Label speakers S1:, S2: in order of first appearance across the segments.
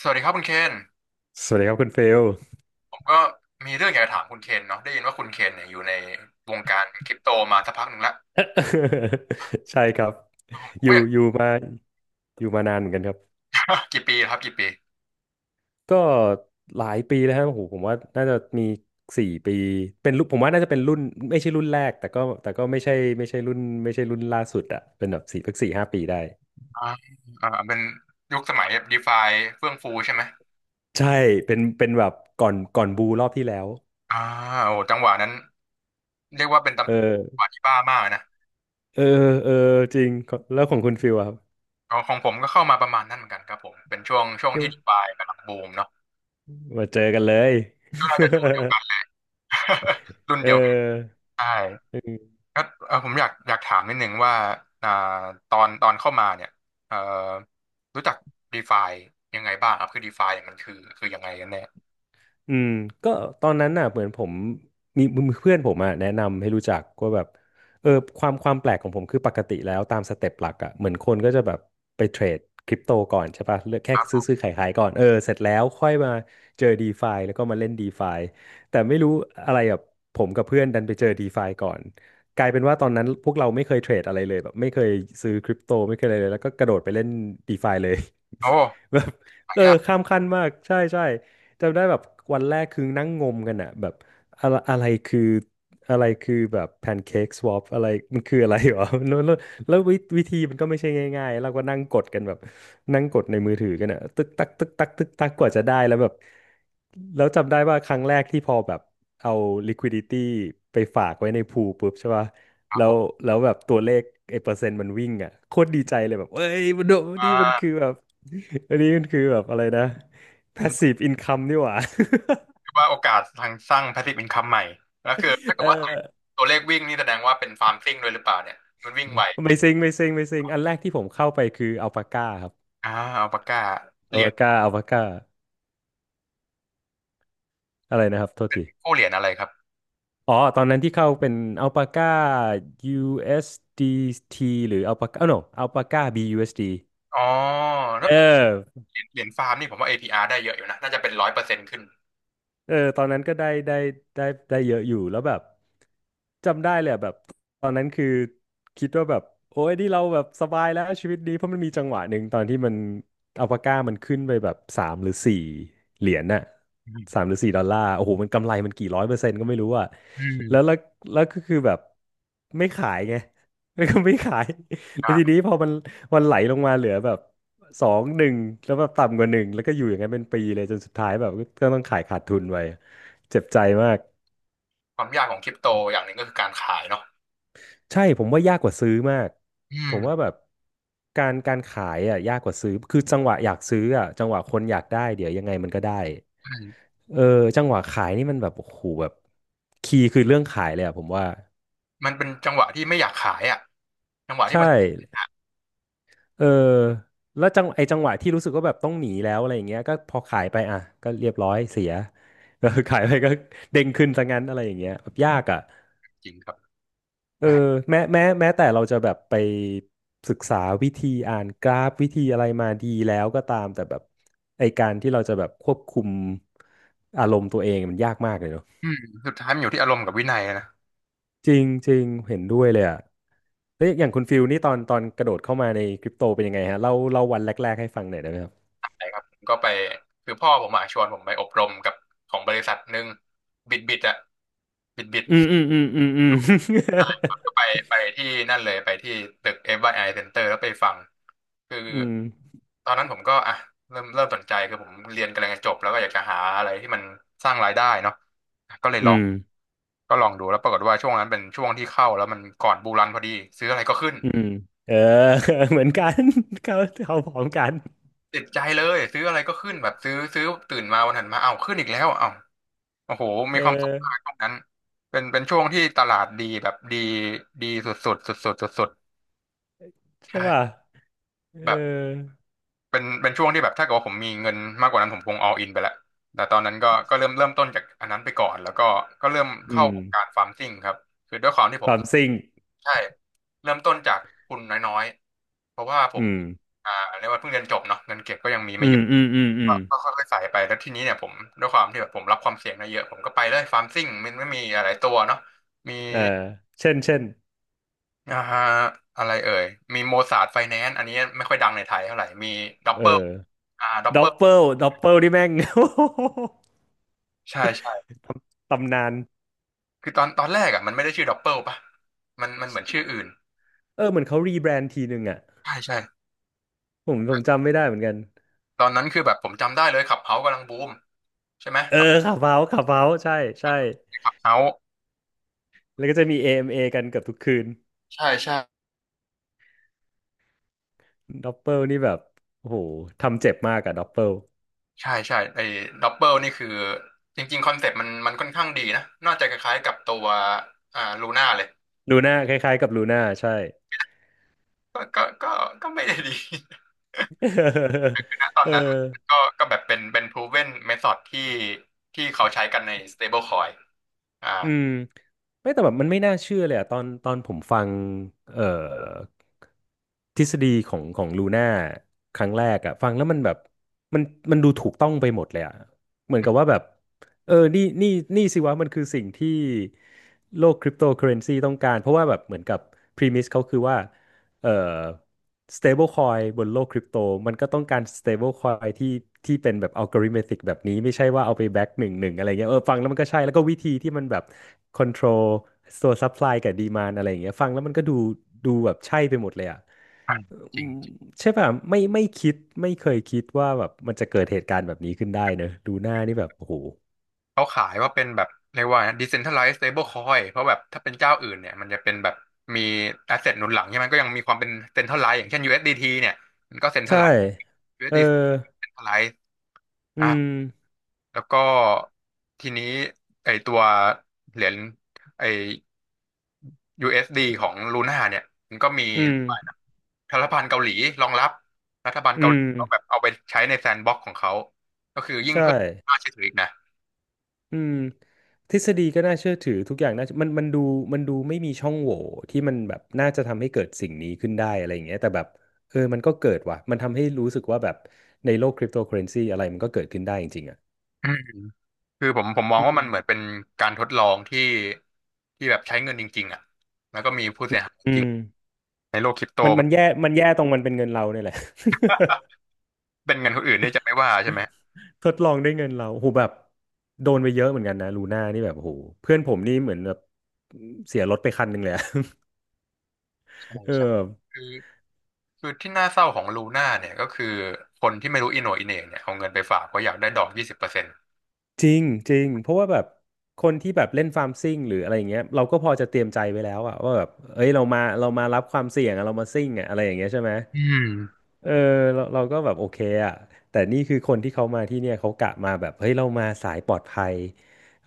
S1: สวัสดีครับคุณเคน
S2: สวัสดีครับคุณเฟล
S1: ผมก็มีเรื่องอยากจะถามคุณเคนเนาะได้ยินว่าคุณเคนเนี่ยอยู่ในวงการคริปโตมาสักพักหนึ่งแล้ว
S2: ใช่ครับ
S1: ผม
S2: อ
S1: ก็
S2: ยู่
S1: อยาก
S2: อยู่มาอยู่มานานเหมือนกันครับ
S1: กี่ปีครับกี่ปี
S2: ก็หลายปีแล้วฮะโอ้โหผมว่าน่าจะมี4 ปีเป็นรุ่นผมว่าน่าจะเป็นรุ่นไม่ใช่รุ่นแรกแต่ก็ไม่ใช่ไม่ใช่รุ่นล่าสุดอะเป็นแบบ4 สัก 4-5 ปีได้
S1: อ่าเป็นยุคสมัยดีฟาเฟื่องฟูใช่ไหม
S2: ใช่เป็นแบบก่อนบูรอบที่แล้ว
S1: อ่าโอ้จังหวะนั้นเรียกว่าเป็นจัง
S2: เออ
S1: หวะที่บ้ามากนะ
S2: เออเออจริงแล้วของคุณฟิลอะครับ
S1: ของผมก็เข้ามาประมาณนั้นเหมือนกันครับผมเป็นช่วง
S2: เี่ยว
S1: ที่ดีฟากำลังบูมเนาะ
S2: มาเจอกันเลย
S1: ช่วงน่าจะช่วงเดียวกัน รุ่น เดียวกัน
S2: เออ
S1: ใช่ ก็เออผมอยากถามนิดนึงว่าอ่าตอนเข้ามาเนี่ยเอ่อรู้จัก DeFi ยังไงบ้างครับคือ DeFi เนี่ยมันคือยังไงกันแน่
S2: อืมก็ตอนนั้นน่ะเหมือนผมมีมีเพื่อนผมอ่ะแนะนำให้รู้จักว่าแบบเออความความแปลกของผมคือปกติแล้วตามสเต็ปหลักอ่ะเหมือนคนก็จะแบบไปเทรดคริปโตก่อนใช่ป่ะเลือกแค่
S1: ค
S2: ซื้
S1: รั
S2: อ
S1: บ
S2: ซื้อขายขายก่อนเออเสร็จแล้วค่อยมาเจอ DeFi แล้วก็มาเล่น DeFi แต่ไม่รู้อะไรแบบผมกับเพื่อนดันไปเจอ DeFi ก่อนกลายเป็นว่าตอนนั้นพวกเราไม่เคยเทรดอะไรเลยแบบไม่เคยซื้อคริปโตไม่เคยอะไรเลยแล้วก็กระโดดไปเล่น DeFi เลย
S1: โอ้
S2: แบบ
S1: หา
S2: เออ
S1: ยาก
S2: ข้ามขั้นมากใช่ใช่ จำได้แบบวันแรกคือนั่งงมกันอะแบบอะไรอะไรคืออะไรคือแบบแพนเค้กสวอปอะไรมันคืออะไรหรอ แล้ววิธีมันก็ไม่ใช่ง่ายๆเราก็นั่งกดกันแบบนั่งกดในมือถือกันอะตึกตักตึกตักตึกตักกว่าจะได้แล้วแบบแล้วจำได้ว่าครั้งแรกที่พอแบบเอา liquidity ไปฝากไว้ในพูลปุ๊บใช่ป่ะ
S1: ครับ
S2: แล้
S1: ผ
S2: ว
S1: ม
S2: แล้วแบบตัวเลขไอ้เปอร์เซ็นต์มันวิ่งอะโคตรดีใจเลยแบบเอ้ยมันโดน
S1: อ่
S2: นี่มันคือ
S1: า
S2: แบบ อันนี้มันคือแบบอะไรนะ passive income นี่หว่า
S1: คือว่าโอกาสทางสร้าง passive income ใหม่แล้วคือถ้า เกิ
S2: เอ
S1: ดว่า
S2: อ
S1: ตัวเลขวิ่งนี่แสดงว่าเป็นฟาร์มซิ่งด้วยหรือเปล่าเนี่ยมันวิ่งไว
S2: ไม่ซิงไม่ซิงไม่ซิงอันแรกที่ผมเข้าไปคืออัลปาก้าครับ
S1: อ่าอัลปาก้าเห
S2: อั
S1: รี
S2: ล
S1: ยญ
S2: ปาก้าอัลปาก้าอะไรนะครับโทษที
S1: กู้เหรียญอะไรครับ
S2: อ๋อตอนนั้นที่เข้าเป็นอัลปาก้า USDT หรืออัลปาก้า no อัลปาก้า BUSD เอสดี
S1: อ๋อแล้ว
S2: เออ
S1: เหรียญฟาร์มนี่ผมว่า APR ได้เยอะอยู่นะน่าจะเป็นร้อยเปอร์เซ็นต์ขึ้น
S2: เออตอนนั้นก็ได้ได้เยอะอยู่แล้วแบบจำได้เลยอะแบบตอนนั้นคือคิดว่าแบบโอ้ยนี่เราแบบสบายแล้วชีวิตดีเพราะมันมีจังหวะหนึ่งตอนที่มันอัลปาก้ามันขึ้นไปแบบ3 หรือ 4 เหรียญน่ะ
S1: อื
S2: สา
S1: ม
S2: มหรือสี่ดอลลาร์โอ้โหมันกำไรมันกี่ร้อยเปอร์เซ็นต์ก็ไม่รู้อะ
S1: อืม
S2: แล้วแล้วก็คือแบบไม่ขายไง แล้วก็ไม่ขายแล้วทีนี้พอมันไหลลงมาเหลือแบบ 2 1แล้วแบบต่ำกว่าหนึ่งแล้วก็อยู่อย่างนั้นเป็นปีเลยจนสุดท้ายแบบก็ต้องขายขาดทุนไปเจ็บใจมาก
S1: ความยากของคริปโตอย่างหนึ่งก็คือการขายเนาะ
S2: ใช่ผมว่ายากกว่าซื้อมาก
S1: อื
S2: ผ
S1: ม
S2: มว่าแบบการขายอ่ะยากกว่าซื้อคือจังหวะอยากซื้ออ่ะจังหวะคนอยากได้เดี๋ยวยังไงมันก็ได้
S1: ใช่
S2: เออจังหวะขายนี่มันแบบโอ้โหแบบคีย์คือเรื่องขายเลยอ่ะผมว่า
S1: มันเป็นจังหวะที่ไม่อยากขายอ่ะจังหวะที่
S2: ใช่
S1: มัน
S2: เออแล้วจังไอจังหวะที่รู้สึกว่าแบบต้องหนีแล้วอะไรอย่างเงี้ยก็พอขายไปอ่ะก็เรียบร้อยเสีย เออขายไปก็เด้งขึ้นซะงั้นอะไรอย่างเงี้ยแบบยากอ่ะ
S1: จริงครับ
S2: เอ
S1: แห
S2: อ
S1: ม
S2: แม้แต่เราจะแบบไปศึกษาวิธีอ่านกราฟวิธีอะไรมาดีแล้วก็ตามแต่แบบไอการที่เราจะแบบควบคุมอารมณ์ตัวเองมันยากมากเลยเนอะ
S1: อืมสุดท้ายมันอยู่ที่อารมณ์กับวินัยนะ
S2: จริงจริงเห็นด้วยเลยอ่ะแล้วอย่างคุณฟิลนี่ตอนกระโดดเข้ามาในคริปโตเป็นยังไงฮะเล่าเล่าวันแรกๆให้ฟังหน่อยได้ไหมครับ
S1: ใช่ครับผมก็ไปคือพ่อผมอะชวนผมไปอบรมกับของบริษัทหนึ่งบิดบิดอะบิดบิด
S2: อืมอืมอืมอืมอ
S1: ก็ไปที่นั่นเลยไปที่ตึก FYI Center แล้วไปฟังคือ
S2: ืม
S1: ตอนนั้นผมก็อ่ะเริ่มสนใจคือผมเรียนกำลังจะจบแล้วก็อยากจะหาอะไรที่มันสร้างรายได้เนาะก็เลย
S2: อื
S1: ลอง
S2: มอืม
S1: ก็ลองดูแล้วปรากฏว่าช่วงนั้นเป็นช่วงที่เข้าแล้วมันก่อนบูรันพอดีซื้ออะไรก็ขึ้น
S2: อืมเออ เหมือนกัน เขาเขาพร้อมกัน
S1: ติดใจเลยซื้ออะไรก็ขึ้นแบบซื้อซื้อตื่นมาวันถัดมาเอ้าขึ้นอีกแล้วเอ้าโอ้โหมี
S2: เออ
S1: ความสุขมากช่วงนั้นเป็นช่วงที่ตลาดดีแบบดีดีสุดสุดสุดสุดสุดสุดๆ
S2: ใช่ป่ะ
S1: ใช่
S2: เออ
S1: แบบเป็นช่วงที่แบบถ้าเกิดว่าผมมีเงินมากกว่านั้นผมคง all in ไปแล้วแต่ตอนนั้นก็เริ่มต้นจากอันนั้นไปก่อนแล้วก็ก็เริ่ม
S2: อื
S1: เข้า
S2: ม
S1: วงการฟาร์มซิ่งครับคือด้วยความที่ผ
S2: ค
S1: ม
S2: วามซิ่ง
S1: ใช่เริ่มต้นจากทุนน้อยๆเพราะว่าผ
S2: อื
S1: ม
S2: ม
S1: อ่าเรียกว่าเพิ่งเรียนจบเนาะเงินเก็บก็ยังมี
S2: อื
S1: ไม่เย
S2: ม
S1: อะ
S2: อืมอืมอื
S1: ก็
S2: ม
S1: ก็ค่อยๆใส่ไปแล้วทีนี้เนี่ยผมด้วยความที่แบบผมรับความเสี่ยงได้เยอะผมก็ไปเลยฟาร์มซิ่งมันไม่มีอะไรตัวเนาะมี
S2: เออเช่นเช่น
S1: อ่าอะไรเอ่ยมีโมซาร์ทไฟแนนซ์อันนี้ไม่ค่อยดังในไทยเท่าไหร่มีด็อป
S2: เอ
S1: เปอร์
S2: อ
S1: ด็อปเป
S2: ด็
S1: อ
S2: อป
S1: ร์
S2: เปิลด็อปเปิลนี่แม่ง
S1: ใช่ใช่
S2: ตำนาน
S1: คือตอนตอนแรกอ่ะมันไม่ได้ชื่อด็อปเปอร์ป่ะมันเหมือนชื่ออื่น
S2: เออเหมือนเขารีแบรนด์ทีนึงอ่ะ
S1: ใช่ใช่
S2: ผมจำไม่ได้เหมือนกัน
S1: ตอนนั้นคือแบบผมจำได้เลยขับเฮากำลังบูมใช่ไหม
S2: เอ
S1: ขับ
S2: อขับเฮาขับเฮาใช่ใช่
S1: ขับเฮา
S2: แล้วก็จะมี a เอมเอกันเกือบทุกคืน
S1: ใช่
S2: ด็อปเปิลนี่แบบโอ้โหทำเจ็บมากอะด็อปเปิล
S1: ใช่ใช่ไอ้ดับเบิลนี่คือจริงๆคอนเซ็ปต์มันค่อนข้างดีนะน่าจะคล้ายๆกับตัวลูน่าเลย
S2: ลูน่าคล้ายๆกับลูน่าใช่
S1: ก็ก็ก็ก็ไม่ได้ดี ตอน
S2: เออ
S1: นั้นมันก็แบบเป็นproven method ที่เขาใช้กันใน stablecoin อ่า
S2: อืมไม่แต่แบบมันไม่น่าเชื่อเลยอะตอนผมฟังเอ่อทฤษฎีของลูน่าครั้งแรกอะฟังแล้วมันแบบมันดูถูกต้องไปหมดเลยอะเหมือนกับว่าแบบเออนี่นี่นี่สิวะมันคือสิ่งที่โลกคริปโตเคอเรนซีต้องการเพราะว่าแบบเหมือนกับพรีมิสเขาคือว่า เอ่อ stable coin บนโลกคริปโตมันก็ต้องการ stable coin ที่ที่เป็นแบบ algorithmic แบบนี้ไม่ใช่ว่าเอาไปแบ็กหนึ่งอะไรเงี้ยฟังแล้วมันก็ใช่แล้วก็วิธีที่มันแบบ control ตัว supply กับ demand อะไรอย่างเงี้ยฟังแล้วมันก็ดูแบบใช่ไปหมดเลยอ่ะ
S1: ใช่จ
S2: อื
S1: ริง
S2: มใช่ป่ะไม่คิดไม่เคยคิดว่าแบบมันจะเกิดเหตุการณ์แบบนี้ขึ้นได้เนอะดูหน้านี่แบบโอ้โห
S1: เขาขายว่าเป็นแบบเรียกว่าไง decentralized stablecoin เพราะแบบถ้าเป็นเจ้าอื่นเนี่ยมันจะเป็นแบบมี asset หนุนหลังใช่ไหมก็ยังมีความเป็น centralized อย่างเช่น USDT เอสดีทีเนี่ยมันก็
S2: ใช่
S1: centralized
S2: เออ
S1: USDC centralized
S2: อื
S1: อ่า
S2: ม
S1: แล้วก็ทีนี้ไอตัวเหรียญไอ USD ของลูน่าเนี่ยมันก็มี
S2: อืม
S1: รัฐบาลเกาหลีรองรับรัฐบาล
S2: อื
S1: เกาหลี
S2: ม
S1: เขาแบบเอาไปใช้ในแซนด์บ็อกซ์ของเขาก็คือยิ่ง
S2: ใช่
S1: เพิ่มค่าเชื่อถืออีกนะ
S2: อืมทฤษฎีก็น่าเชื่อถือทุกอย่างน่ามันดูมันดูไม่มีช่องโหว่ที่มันแบบน่าจะทำให้เกิดสิ่งนี้ขึ้นได้อะไรอย่างเงี้ยแต่แบบเออมันก็เกิดว่ะมันทำให้รู้สึกว่าแบบในโลกคริปโตเคอเรนซีอะไรมันก็เกิดขึ้นได้จริงๆอ่ะ
S1: อืมคือผมมอง
S2: อื
S1: ว่ามัน
S2: ม
S1: เหมือนเป็นการทดลองที่แบบใช้เงินจริงๆอ่ะแล้วก็มีผู้เสียหายจ
S2: อื
S1: ริง
S2: ม
S1: ในโลกคริปโต
S2: มัน
S1: มั
S2: มั
S1: น
S2: นแย่มันแย่ตรงมันเป็นเงินเราเนี่ยแหละ
S1: เป็นเงินคนอื่นนี่จะไม่ว่าใช่ไหม
S2: ทดลองด้วยเงินเราโหแบบโดนไปเยอะเหมือนกันนะลูน่านี่แบบโหเพื่อนผมนี่เหมือนแบบเสียรถไปคันหนึ่งเลยอะ
S1: ใช่
S2: เอ
S1: ใช่
S2: อ
S1: คือที่น่าเศร้าของลูน่าเนี่ยก็คือคนที่ไม่รู้อีโหน่อีเหน่เนี่ยเอาเงินไปฝากเพราะอยากได้ดอก20%
S2: จริงจริงเพราะว่าแบบคนที่แบบเล่นฟาร์มซิ่งหรืออะไรอย่างเงี้ยเราก็พอจะเตรียมใจไว้แล้วอะว่าแบบเอ้ยเรามารับความเสี่ยงอะเรามาซิ่งอะอะไรอย่างเงี้ยใช่ไหม
S1: อืม
S2: เออเราก็แบบโอเคอะแต่นี่คือคนที่เขามาที่เนี่ยเขากะมาแบบเฮ้ยเรามาสายปลอดภัย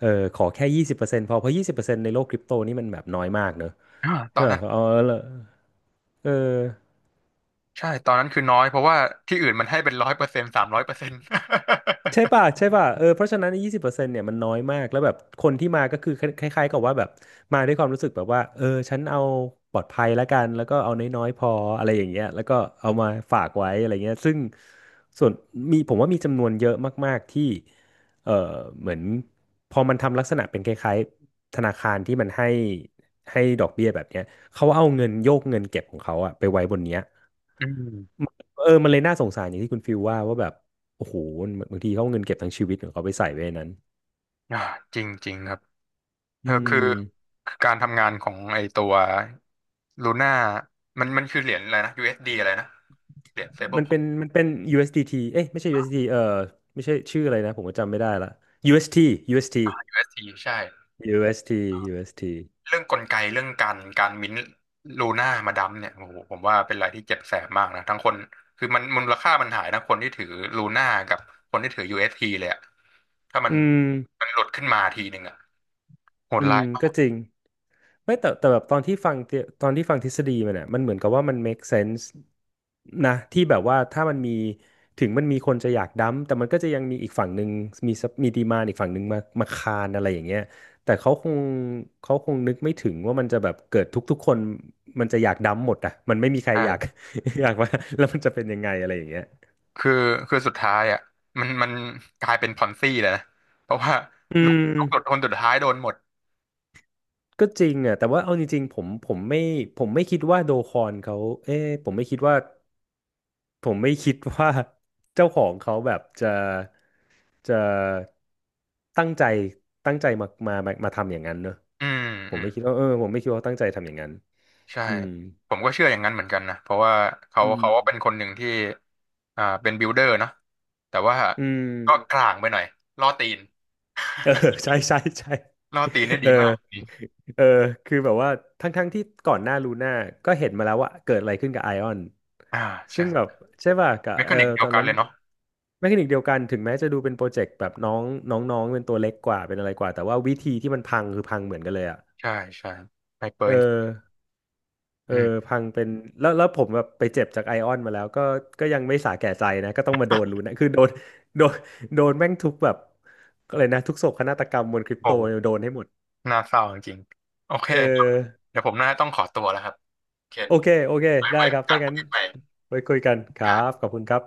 S2: เออขอแค่ยี่สิบเปอร์เซ็นต์พอเพราะยี่สิบเปอร์เซ็นต์ในโลกคริปโตนี่มันแบบน้อยมากเนอะ
S1: อ่าตอ
S2: ใช่
S1: นนั้
S2: ป่ะ
S1: น
S2: เออเออ
S1: ใช่ตอนนั้นคือน้อยเพราะว่าที่อื่นมันให้เป็นร้อยเปอร์เซ็นต์300%
S2: ใช่ป่ะเออเพราะฉะนั้นยี่สิบเปอร์เซ็นต์เนี่ยมันน้อยมากแล้วแบบคนที่มาก็คือคล้ายๆกับว่าแบบมาด้วยความรู้สึกแบบว่าเออฉันเอาปลอดภัยแล้วกันแล้วก็เอาน้อยๆพออะไรอย่างเงี้ยแล้วก็เอามาฝากไว้อะไรเงี้ยซึ่งส่วนมีผมว่ามีจำนวนเยอะมากๆที่เออเหมือนพอมันทำลักษณะเป็นคล้ายๆธนาคารที่มันให้ดอกเบี้ยแบบเนี้ยเขาเอาเงินโยกเงินเก็บของเขาอะไปไว้บนเนี้ย
S1: อืม
S2: เออมันเลยน่าสงสารอย่างที่คุณฟิลว่าแบบ โอ้โห บางทีเขาเอาเงินเก็บทั้งชีวิตของเขาไปใส่ไว้ในนั้น
S1: อ่าจริงจริงครับเอ
S2: อื
S1: อคือ
S2: ม
S1: คือการทำงานของไอตัวลูน่ามันคือเหรียญอะไรนะ USD อสดีอะไรนะเหรียญเซเบิล
S2: มัน
S1: คอ
S2: เป็
S1: ย
S2: นมันเป็น USDT เอสดีทีเอ้ยไม่ใช่ USDT เอสดีเออไม่ใช่ชื่ออะไรนะ ผมก็จำไม่ได้ละ UST UST
S1: USD ใช่
S2: UST UST อสทียูเอสที
S1: เรื่องกลไกเรื่องการการมิ้นท์ลูน่ามาดัมเนี่ยโอ้โหผมว่าเป็นอะไรที่เจ็บแสบมากนะทั้งคนคือมันมูลค่ามันหายทั้งคนที่ถือลูน่ากับคนที่ถือ UST เอสทีเลยอะถ้ามัน
S2: อืม
S1: หลุดขึ้นมาทีหนึ่งอะโหด
S2: อื
S1: ร้า
S2: ม
S1: ยมา
S2: ก็
S1: ก
S2: จริงไม่แต่แต่แบบตอนที่ฟังทฤษฎีมันเนี่ยมันเหมือนกับว่ามัน make sense นะที่แบบว่าถ้ามันมีถึงมันมีคนจะอยากดั้มแต่มันก็จะยังมีอีกฝั่งหนึ่งมีมีดีมานอีกฝั่งหนึ่งมาคานอะไรอย่างเงี้ยแต่เขาคงนึกไม่ถึงว่ามันจะแบบเกิดทุกๆคนมันจะอยากดั้มหมดอ่ะมันไม่มีใครอยาก อยากว่าแล้วมันจะเป็นยังไงอะไรอย่างเงี้ย
S1: คือคือสุดท้ายอะมันกลายเป็นพอนซี่เลยนะเพราะว่า
S2: อื
S1: ลูกลูกหลุด
S2: ม
S1: คนสุดท้ายโดนหมด
S2: ก็จริงอ่ะแต่ว่าเอาจริงๆผมไม่ผมไม่คิดว่าโดคอนเขาเอ๊ะผมไม่คิดว่า ผมไม่คิดว่าเจ้าของเขาแบบจะตั้งใจตั้งใจมาทำอย่างนั้นเนอะ
S1: อืม
S2: ผ
S1: อื
S2: ม
S1: ม
S2: ไม่คิดว่าเออผมไม่คิดว่าเขาตั้งใจทำอย่างนั้น
S1: ใช่
S2: อืม
S1: ผมก็เชื่ออย่างนั้นเหมือนกันนะเพราะว่าเขา
S2: อืม
S1: เขาก็เป็นคนหนึ่งที่เป็นบิ i เดอร์เนาะแต่ว่า
S2: อื
S1: ก็ก
S2: ม
S1: ลางไปหน่อยล่อตีน
S2: เออ ใช่
S1: ล่อตีนได้
S2: เอ
S1: ดี
S2: อ
S1: มากนี่
S2: เออคือแบบว่าทั้งที่ก่อนหน้าลูน่าก็เห็นมาแล้วว่าเกิดอะไรขึ้นกับไอออน
S1: อ่า
S2: ซึ่
S1: ใช่
S2: งแบบใช่ป่ะกับ
S1: เม
S2: เอ
S1: คา
S2: อ
S1: นิกเดีย
S2: ตอ
S1: ว
S2: น
S1: กัน
S2: นั้น
S1: เลยเนาะ
S2: แมคานิกเดียวกันถึงแม้จะดูเป็นโปรเจกต์แบบน้องน้องน้องเป็นตัวเล็กกว่าเป็นอะไรกว่าแต่ว่าวิธีที่มันพังคือพังเหมือนกันเลยอ่ะ
S1: ใช่ใช่ไฮเปอ
S2: เออ
S1: ร์
S2: เออ
S1: อืม
S2: พังเป็นแล้วผมแบบไปเจ็บจากไอออนมาแล้วก็ยังไม่สาแก่ใจนะก็ต้องมาโดนลูน่คือโดนโดนแม่งทุกแบบก็เลยนะทุกโศกนาฏกรรมบนคริป
S1: โอ้
S2: โตโดนให้หมด
S1: น่าเศร้าจริงๆโอเค
S2: เออ
S1: เดี๋ยวผมน่าจะต้องขอตัวแล้วครับเคน
S2: โอเค
S1: ไว้
S2: ได้
S1: ไว้
S2: ค
S1: โอ
S2: รับ
S1: กั
S2: ถ้า
S1: นคุ
S2: งั้
S1: ย
S2: น
S1: กันใหม่
S2: ไว้คุยกันครับขอบคุณครับ